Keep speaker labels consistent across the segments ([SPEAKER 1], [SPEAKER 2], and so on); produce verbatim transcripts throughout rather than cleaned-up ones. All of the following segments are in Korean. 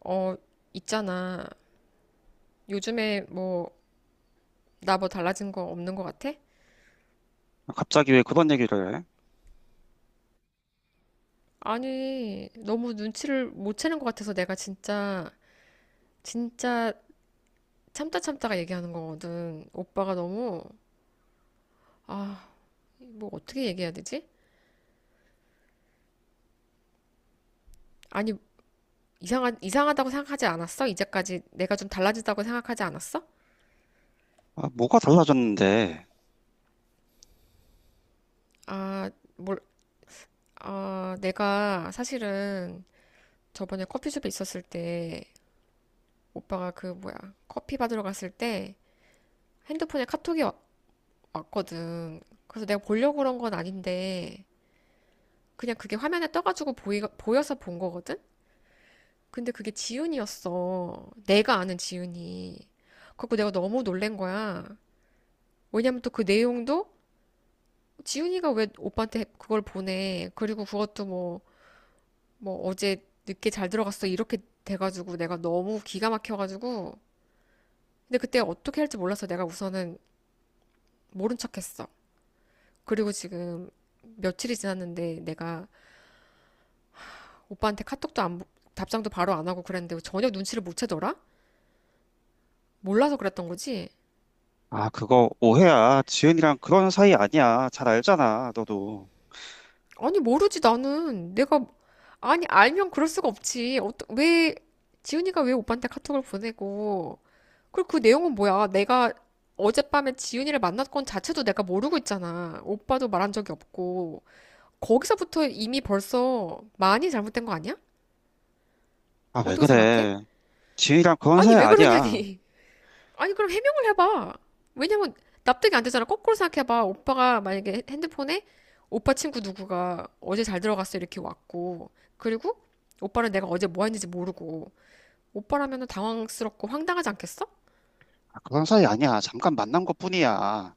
[SPEAKER 1] 어, 있잖아. 요즘에 뭐, 나 뭐 달라진 거 없는 거 같아?
[SPEAKER 2] 갑자기 왜 그런 얘기를 해?
[SPEAKER 1] 아니, 너무 눈치를 못 채는 것 같아서 내가 진짜, 진짜 참다 참다가 얘기하는 거거든. 오빠가 너무, 아, 뭐 어떻게 얘기해야 되지? 아니, 이상하, 이상하다고 생각하지 않았어? 이제까지 내가 좀 달라지다고 생각하지 않았어?
[SPEAKER 2] 아, 뭐가 달라졌는데?
[SPEAKER 1] 아, 뭘, 아, 내가 사실은 저번에 커피숍에 있었을 때, 오빠가 그 뭐야, 커피 받으러 갔을 때, 핸드폰에 카톡이 와- 왔거든. 그래서 내가 보려고 그런 건 아닌데, 그냥 그게 화면에 떠가지고 보이, 보여서 본 거거든? 근데 그게 지은이었어. 내가 아는 지은이. 그래서 내가 너무 놀란 거야. 왜냐면 또 그 내용도 지은이가 왜 오빠한테 그걸 보내. 그리고 그것도 뭐, 뭐 어제 늦게 잘 들어갔어. 이렇게 돼가지고 내가 너무 기가 막혀가지고. 근데 그때 어떻게 할지 몰라서 내가 우선은 모른 척했어. 그리고 지금 며칠이 지났는데 내가 오빠한테 카톡도 안, 답장도 바로 안 하고 그랬는데 전혀 눈치를 못 채더라? 몰라서 그랬던 거지?
[SPEAKER 2] 아, 그거 오해야. 지은이랑 그런 사이 아니야. 잘 알잖아, 너도.
[SPEAKER 1] 아니, 모르지, 나는. 내가, 아니, 알면 그럴 수가 없지. 어떠, 왜, 지훈이가 왜 오빠한테 카톡을 보내고, 그리고 그 내용은 뭐야? 내가 어젯밤에 지훈이를 만났건 자체도 내가 모르고 있잖아. 오빠도 말한 적이 없고. 거기서부터 이미 벌써 많이 잘못된 거 아니야?
[SPEAKER 2] 아, 왜
[SPEAKER 1] 어떻게 생각해?
[SPEAKER 2] 그래? 지은이랑 그런
[SPEAKER 1] 아니,
[SPEAKER 2] 사이
[SPEAKER 1] 왜
[SPEAKER 2] 아니야.
[SPEAKER 1] 그러냐니. 아니, 그럼 해명을 해봐. 왜냐면 납득이 안 되잖아. 거꾸로 생각해봐. 오빠가 만약에 핸드폰에 오빠 친구 누구가 어제 잘 들어갔어 이렇게 왔고, 그리고 오빠는 내가 어제 뭐 했는지 모르고, 오빠라면은 당황스럽고 황당하지 않겠어?
[SPEAKER 2] 아, 그런 사이 아니야. 잠깐 만난 것뿐이야.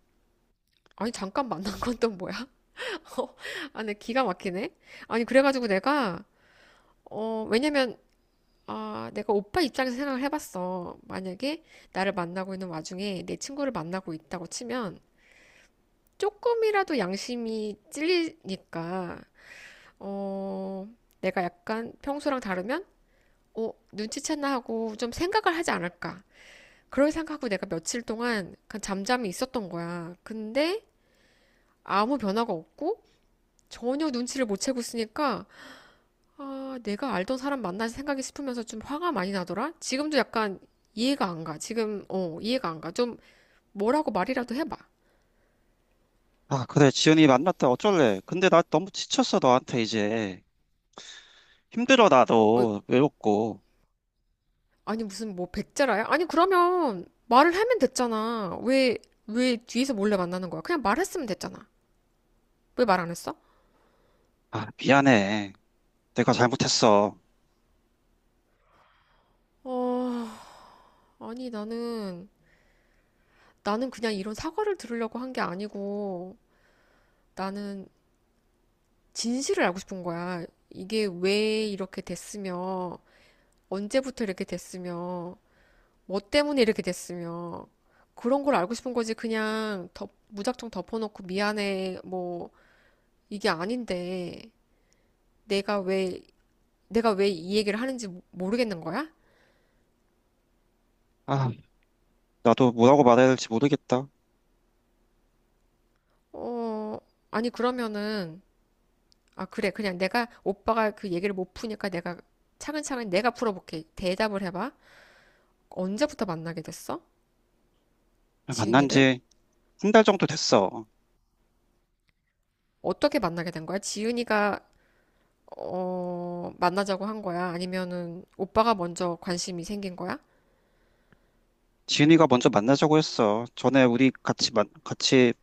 [SPEAKER 1] 아니, 잠깐 만난 건 또 뭐야? 어, 아, 내 기가 막히네. 아니, 그래가지고 내가, 어, 왜냐면, 아, 내가 오빠 입장에서 생각을 해봤어. 만약에 나를 만나고 있는 와중에 내 친구를 만나고 있다고 치면, 조금이라도 양심이 찔리니까, 어, 내가 약간 평소랑 다르면, 어, 눈치챘나 하고 좀 생각을 하지 않을까. 그럴 생각하고 내가 며칠 동안 약간 잠잠히 있었던 거야. 근데 아무 변화가 없고 전혀 눈치를 못 채고 있으니까, 아, 내가 알던 사람 만나서 생각이 싶으면서 좀 화가 많이 나더라? 지금도 약간 이해가 안 가. 지금, 어, 이해가 안 가. 좀 뭐라고 말이라도 해봐.
[SPEAKER 2] 아, 그래. 지은이 만났다. 어쩔래? 근데 나 너무 지쳤어, 너한테 이제. 힘들어,
[SPEAKER 1] 어,
[SPEAKER 2] 나도. 외롭고.
[SPEAKER 1] 아니 무슨 뭐 백제라야? 아니 그러면 말을 하면 됐잖아. 왜, 왜 뒤에서 몰래 만나는 거야? 그냥 말했으면 됐잖아. 왜 말 안 했어?
[SPEAKER 2] 아, 미안해. 내가 잘못했어.
[SPEAKER 1] 어, 아니 나는 나는 그냥 이런 사과를 들으려고 한 게 아니고 나는 진실을 알고 싶은 거야. 이게 왜 이렇게 됐으며 언제부터 이렇게 됐으며 뭐 때문에 이렇게 됐으며 그런 걸 알고 싶은 거지. 그냥 덮, 무작정 덮어놓고 미안해 뭐 이게 아닌데 내가 왜 내가 왜 이 얘기를 하는지 모- 르겠는 거야?
[SPEAKER 2] 아, 나도 뭐라고 말해야 될지 모르겠다.
[SPEAKER 1] 어, 아니, 그러면은, 아, 그래. 그냥 내가, 오빠가 그 얘기를 못 푸니까 내가 차근차근 내가 풀어볼게. 대답을 해봐. 언제부터 만나게 됐어?
[SPEAKER 2] 만난
[SPEAKER 1] 지은이를?
[SPEAKER 2] 지 한 달 정도 됐어.
[SPEAKER 1] 어떻게 만나게 된 거야? 지은이가, 어, 만나자고 한 거야? 아니면은, 오빠가 먼저 관심이 생긴 거야?
[SPEAKER 2] 지은이가 먼저 만나자고 했어. 전에 우리 같이 만, 같이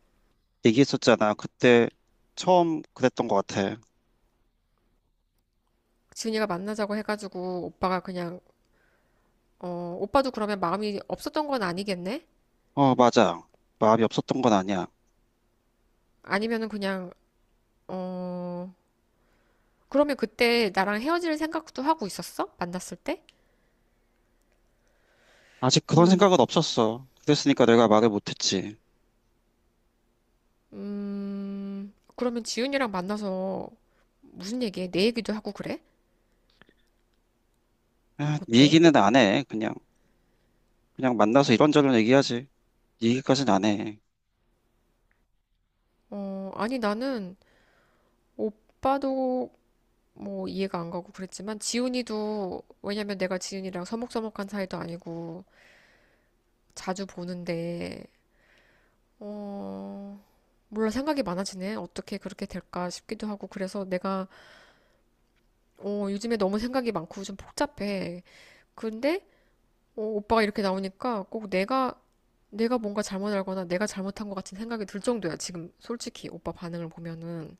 [SPEAKER 2] 얘기했었잖아. 그때 처음 그랬던 것 같아.
[SPEAKER 1] 지은이가 만나자고 해가지고, 오빠가 그냥, 어, 오빠도 그러면 마음이 없었던 건 아니겠네?
[SPEAKER 2] 어, 맞아. 마음이 없었던 건 아니야.
[SPEAKER 1] 아니면은 그냥, 어, 그러면 그때 나랑 헤어질 생각도 하고 있었어? 만났을 때?
[SPEAKER 2] 아직 그런 생각은 없었어. 그랬으니까 내가 말을 못했지.
[SPEAKER 1] 음, 그러면 지훈이랑 만나서 무슨 얘기해? 내 얘기도 하고 그래?
[SPEAKER 2] 아, 네
[SPEAKER 1] 어때?
[SPEAKER 2] 얘기는 안 해. 그냥 그냥 만나서 이런저런 얘기하지. 네 얘기까지는 안 해.
[SPEAKER 1] 어, 아니 나는 오빠도 뭐 이해가 안 가고 그랬지만 지훈이도 왜냐면 내가 지훈이랑 서먹서먹한 사이도 아니고 자주 보는데 어, 몰라 생각이 많아지네. 어떻게 그렇게 될까 싶기도 하고 그래서 내가 어, 요즘에 너무 생각이 많고 좀 복잡해. 근데 어, 오빠가 이렇게 나오니까 꼭 내가 내가 뭔가 잘못 알거나 내가 잘못한 것 같은 생각이 들 정도야. 지금 솔직히 오빠 반응을 보면은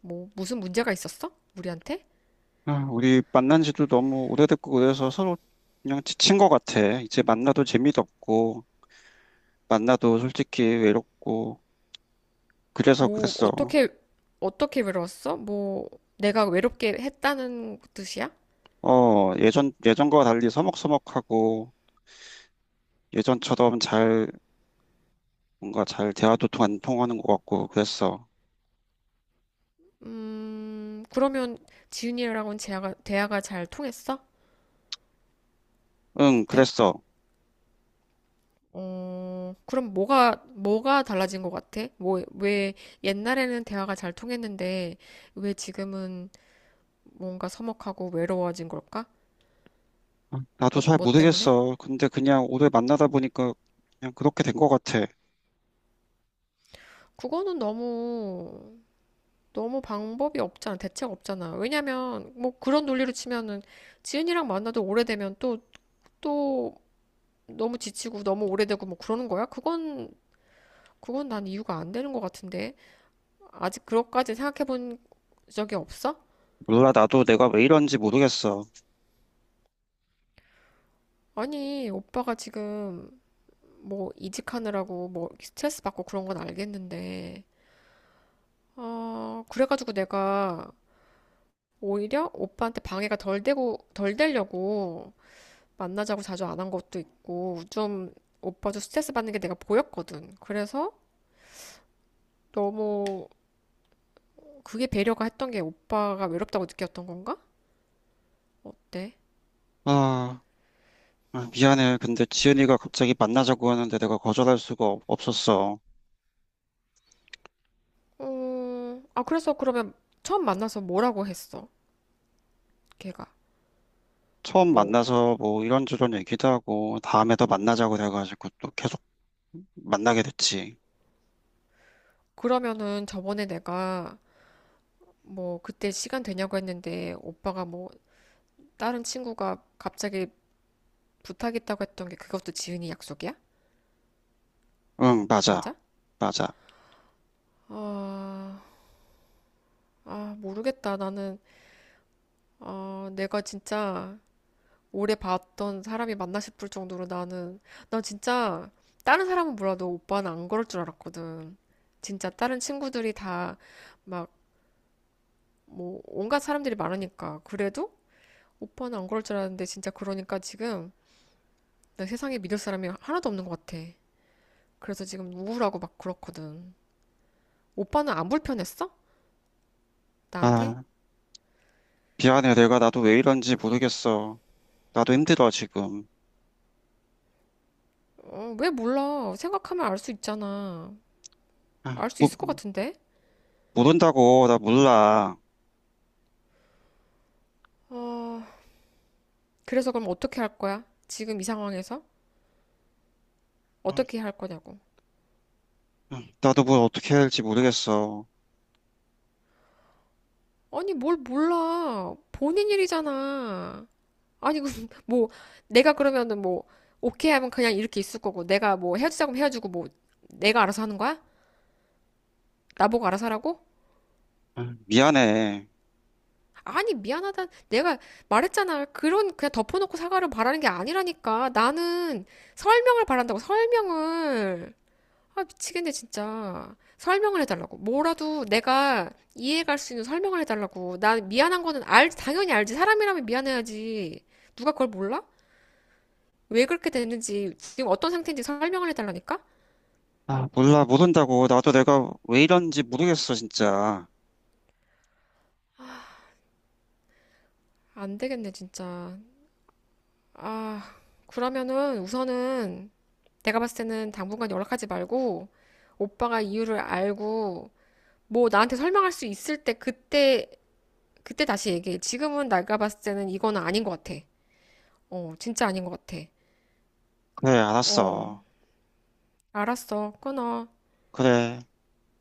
[SPEAKER 1] 뭐 무슨 문제가 있었어? 우리한테?
[SPEAKER 2] 아, 우리 만난 지도 너무 오래됐고 그래서 서로 그냥 지친 것 같아. 이제 만나도 재미도 없고 만나도 솔직히 외롭고 그래서
[SPEAKER 1] 뭐
[SPEAKER 2] 그랬어.
[SPEAKER 1] 어떻게 어떻게 외로웠어? 뭐 내가 외롭게 했다는 뜻이야?
[SPEAKER 2] 어, 예전, 예전과 달리 서먹서먹하고 예전처럼 잘, 뭔가 잘 대화도통 안 통하는 것 같고 그랬어.
[SPEAKER 1] 음, 그러면 지윤이랑은 대화가, 대화가 잘 통했어?
[SPEAKER 2] 응,
[SPEAKER 1] 어때?
[SPEAKER 2] 그랬어.
[SPEAKER 1] 어, 그럼 뭐가 뭐가 달라진 것 같아? 뭐 왜 옛날에는 대화가 잘 통했는데 왜 지금은 뭔가 서먹하고 외로워진 걸까?
[SPEAKER 2] 나도
[SPEAKER 1] 뭐,
[SPEAKER 2] 잘
[SPEAKER 1] 뭐 때문에?
[SPEAKER 2] 모르겠어. 근데 그냥 오래 만나다 보니까 그냥 그렇게 된 것 같아.
[SPEAKER 1] 그거는 너무, 너무 방법이 없잖아. 대책 없잖아. 왜냐면, 뭐 그런 논리로 치면은 지은이랑 만나도 오래되면 또, 또 너무 지치고 너무 오래되고 뭐 그러는 거야? 그건, 그건 난 이유가 안 되는 것 같은데. 아직 그것까지 생각해 본 적이 없어?
[SPEAKER 2] 몰라, 나도 내가 왜 이런지 모르겠어.
[SPEAKER 1] 아니, 오빠가 지금 뭐 이직하느라고 뭐 스트레스 받고 그런 건 알겠는데. 어, 그래가지고 내가 오히려 오빠한테 방해가 덜 되고, 덜 되려고 만나자고 자주 안 한 것도 있고, 좀 오빠도 스트레스 받는 게 내가 보였거든. 그래서 너무 그게 배려가 했던 게 오빠가 외롭다고 느꼈던 건가? 어때?
[SPEAKER 2] 아, 아, 미안해. 근데 지은이가 갑자기 만나자고 하는데 내가 거절할 수가 없- 없었어.
[SPEAKER 1] 어, 아, 그래서 그러면 처음 만나서 뭐라고 했어? 걔가.
[SPEAKER 2] 처음
[SPEAKER 1] 뭐,
[SPEAKER 2] 만나서 뭐 이런저런 얘기도 하고 다음에 더 만나자고 돼가지고 또 계속 만나게 됐지.
[SPEAKER 1] 그러면은 저번에 내가 뭐 그때 시간 되냐고 했는데 오빠가 뭐 다른 친구가 갑자기 부탁 있다고 했던 게 그것도 지은이 약속이야?
[SPEAKER 2] 응, 맞아.
[SPEAKER 1] 맞아?
[SPEAKER 2] 맞아.
[SPEAKER 1] 아, 아, 모르겠다. 나는, 아, 내가 진짜 오래 봤던 사람이 맞나 싶을 정도로 나는, 나 진짜 다른 사람은 몰라도 오빠는 안 그럴 줄 알았거든. 진짜 다른 친구들이 다 막, 뭐, 온갖 사람들이 많으니까. 그래도 오빠는 안 그럴 줄 알았는데 진짜 그러니까 지금 나 세상에 믿을 사람이 하나도 없는 것 같아. 그래서 지금 우울하고 막 그렇거든. 오빠는 안 불편했어? 나한테?
[SPEAKER 2] 아. 미안해, 내가 나도 왜 이런지 모르겠어. 나도 힘들어, 지금.
[SPEAKER 1] 어, 왜 몰라. 생각하면 알 수 있잖아.
[SPEAKER 2] 아,
[SPEAKER 1] 알 수 있을 것
[SPEAKER 2] 모,
[SPEAKER 1] 같은데?
[SPEAKER 2] 모른다고, 나 몰라.
[SPEAKER 1] 어, 그래서 그럼 어떻게 할 거야? 지금 이 상황에서?
[SPEAKER 2] 아,
[SPEAKER 1] 어떻게 할 거냐고.
[SPEAKER 2] 아, 나도 뭘 어떻게 해야 할지 모르겠어.
[SPEAKER 1] 아니, 뭘 몰라. 본인 일이잖아. 아니, 그 뭐, 내가 그러면은 뭐, 오케이 하면 그냥 이렇게 있을 거고, 내가 뭐 헤어지자고 헤어지고, 뭐, 내가 알아서 하는 거야? 나보고 알아서 하라고?
[SPEAKER 2] 아, 미안해.
[SPEAKER 1] 아니, 미안하다. 내가 말했잖아. 그런, 그냥 덮어놓고 사과를 바라는 게 아니라니까. 나는 설명을 바란다고, 설명을. 아, 미치겠네, 진짜. 설명을 해달라고. 뭐라도 내가 이해할 수 있는 설명을 해달라고. 나 미안한 거는 알, 당연히 알지. 사람이라면 미안해야지. 누가 그걸 몰라? 왜 그렇게 됐는지, 지금 어떤 상태인지 설명을 해달라니까?
[SPEAKER 2] 아, 몰라, 모른다고. 나도 내가 왜 이런지 모르겠어, 진짜.
[SPEAKER 1] 안 되겠네, 진짜. 아, 그러면은 우선은 내가 봤을 때는 당분간 연락하지 말고, 오빠가 이유를 알고, 뭐 나한테 설명할 수 있을 때 그때, 그때 다시 얘기해. 지금은 내가 봤을 때는 이거는 아닌 것 같아. 어, 진짜 아닌 것 같아.
[SPEAKER 2] 그래,
[SPEAKER 1] 어,
[SPEAKER 2] 알았어.
[SPEAKER 1] 알았어. 끊어.
[SPEAKER 2] 그래.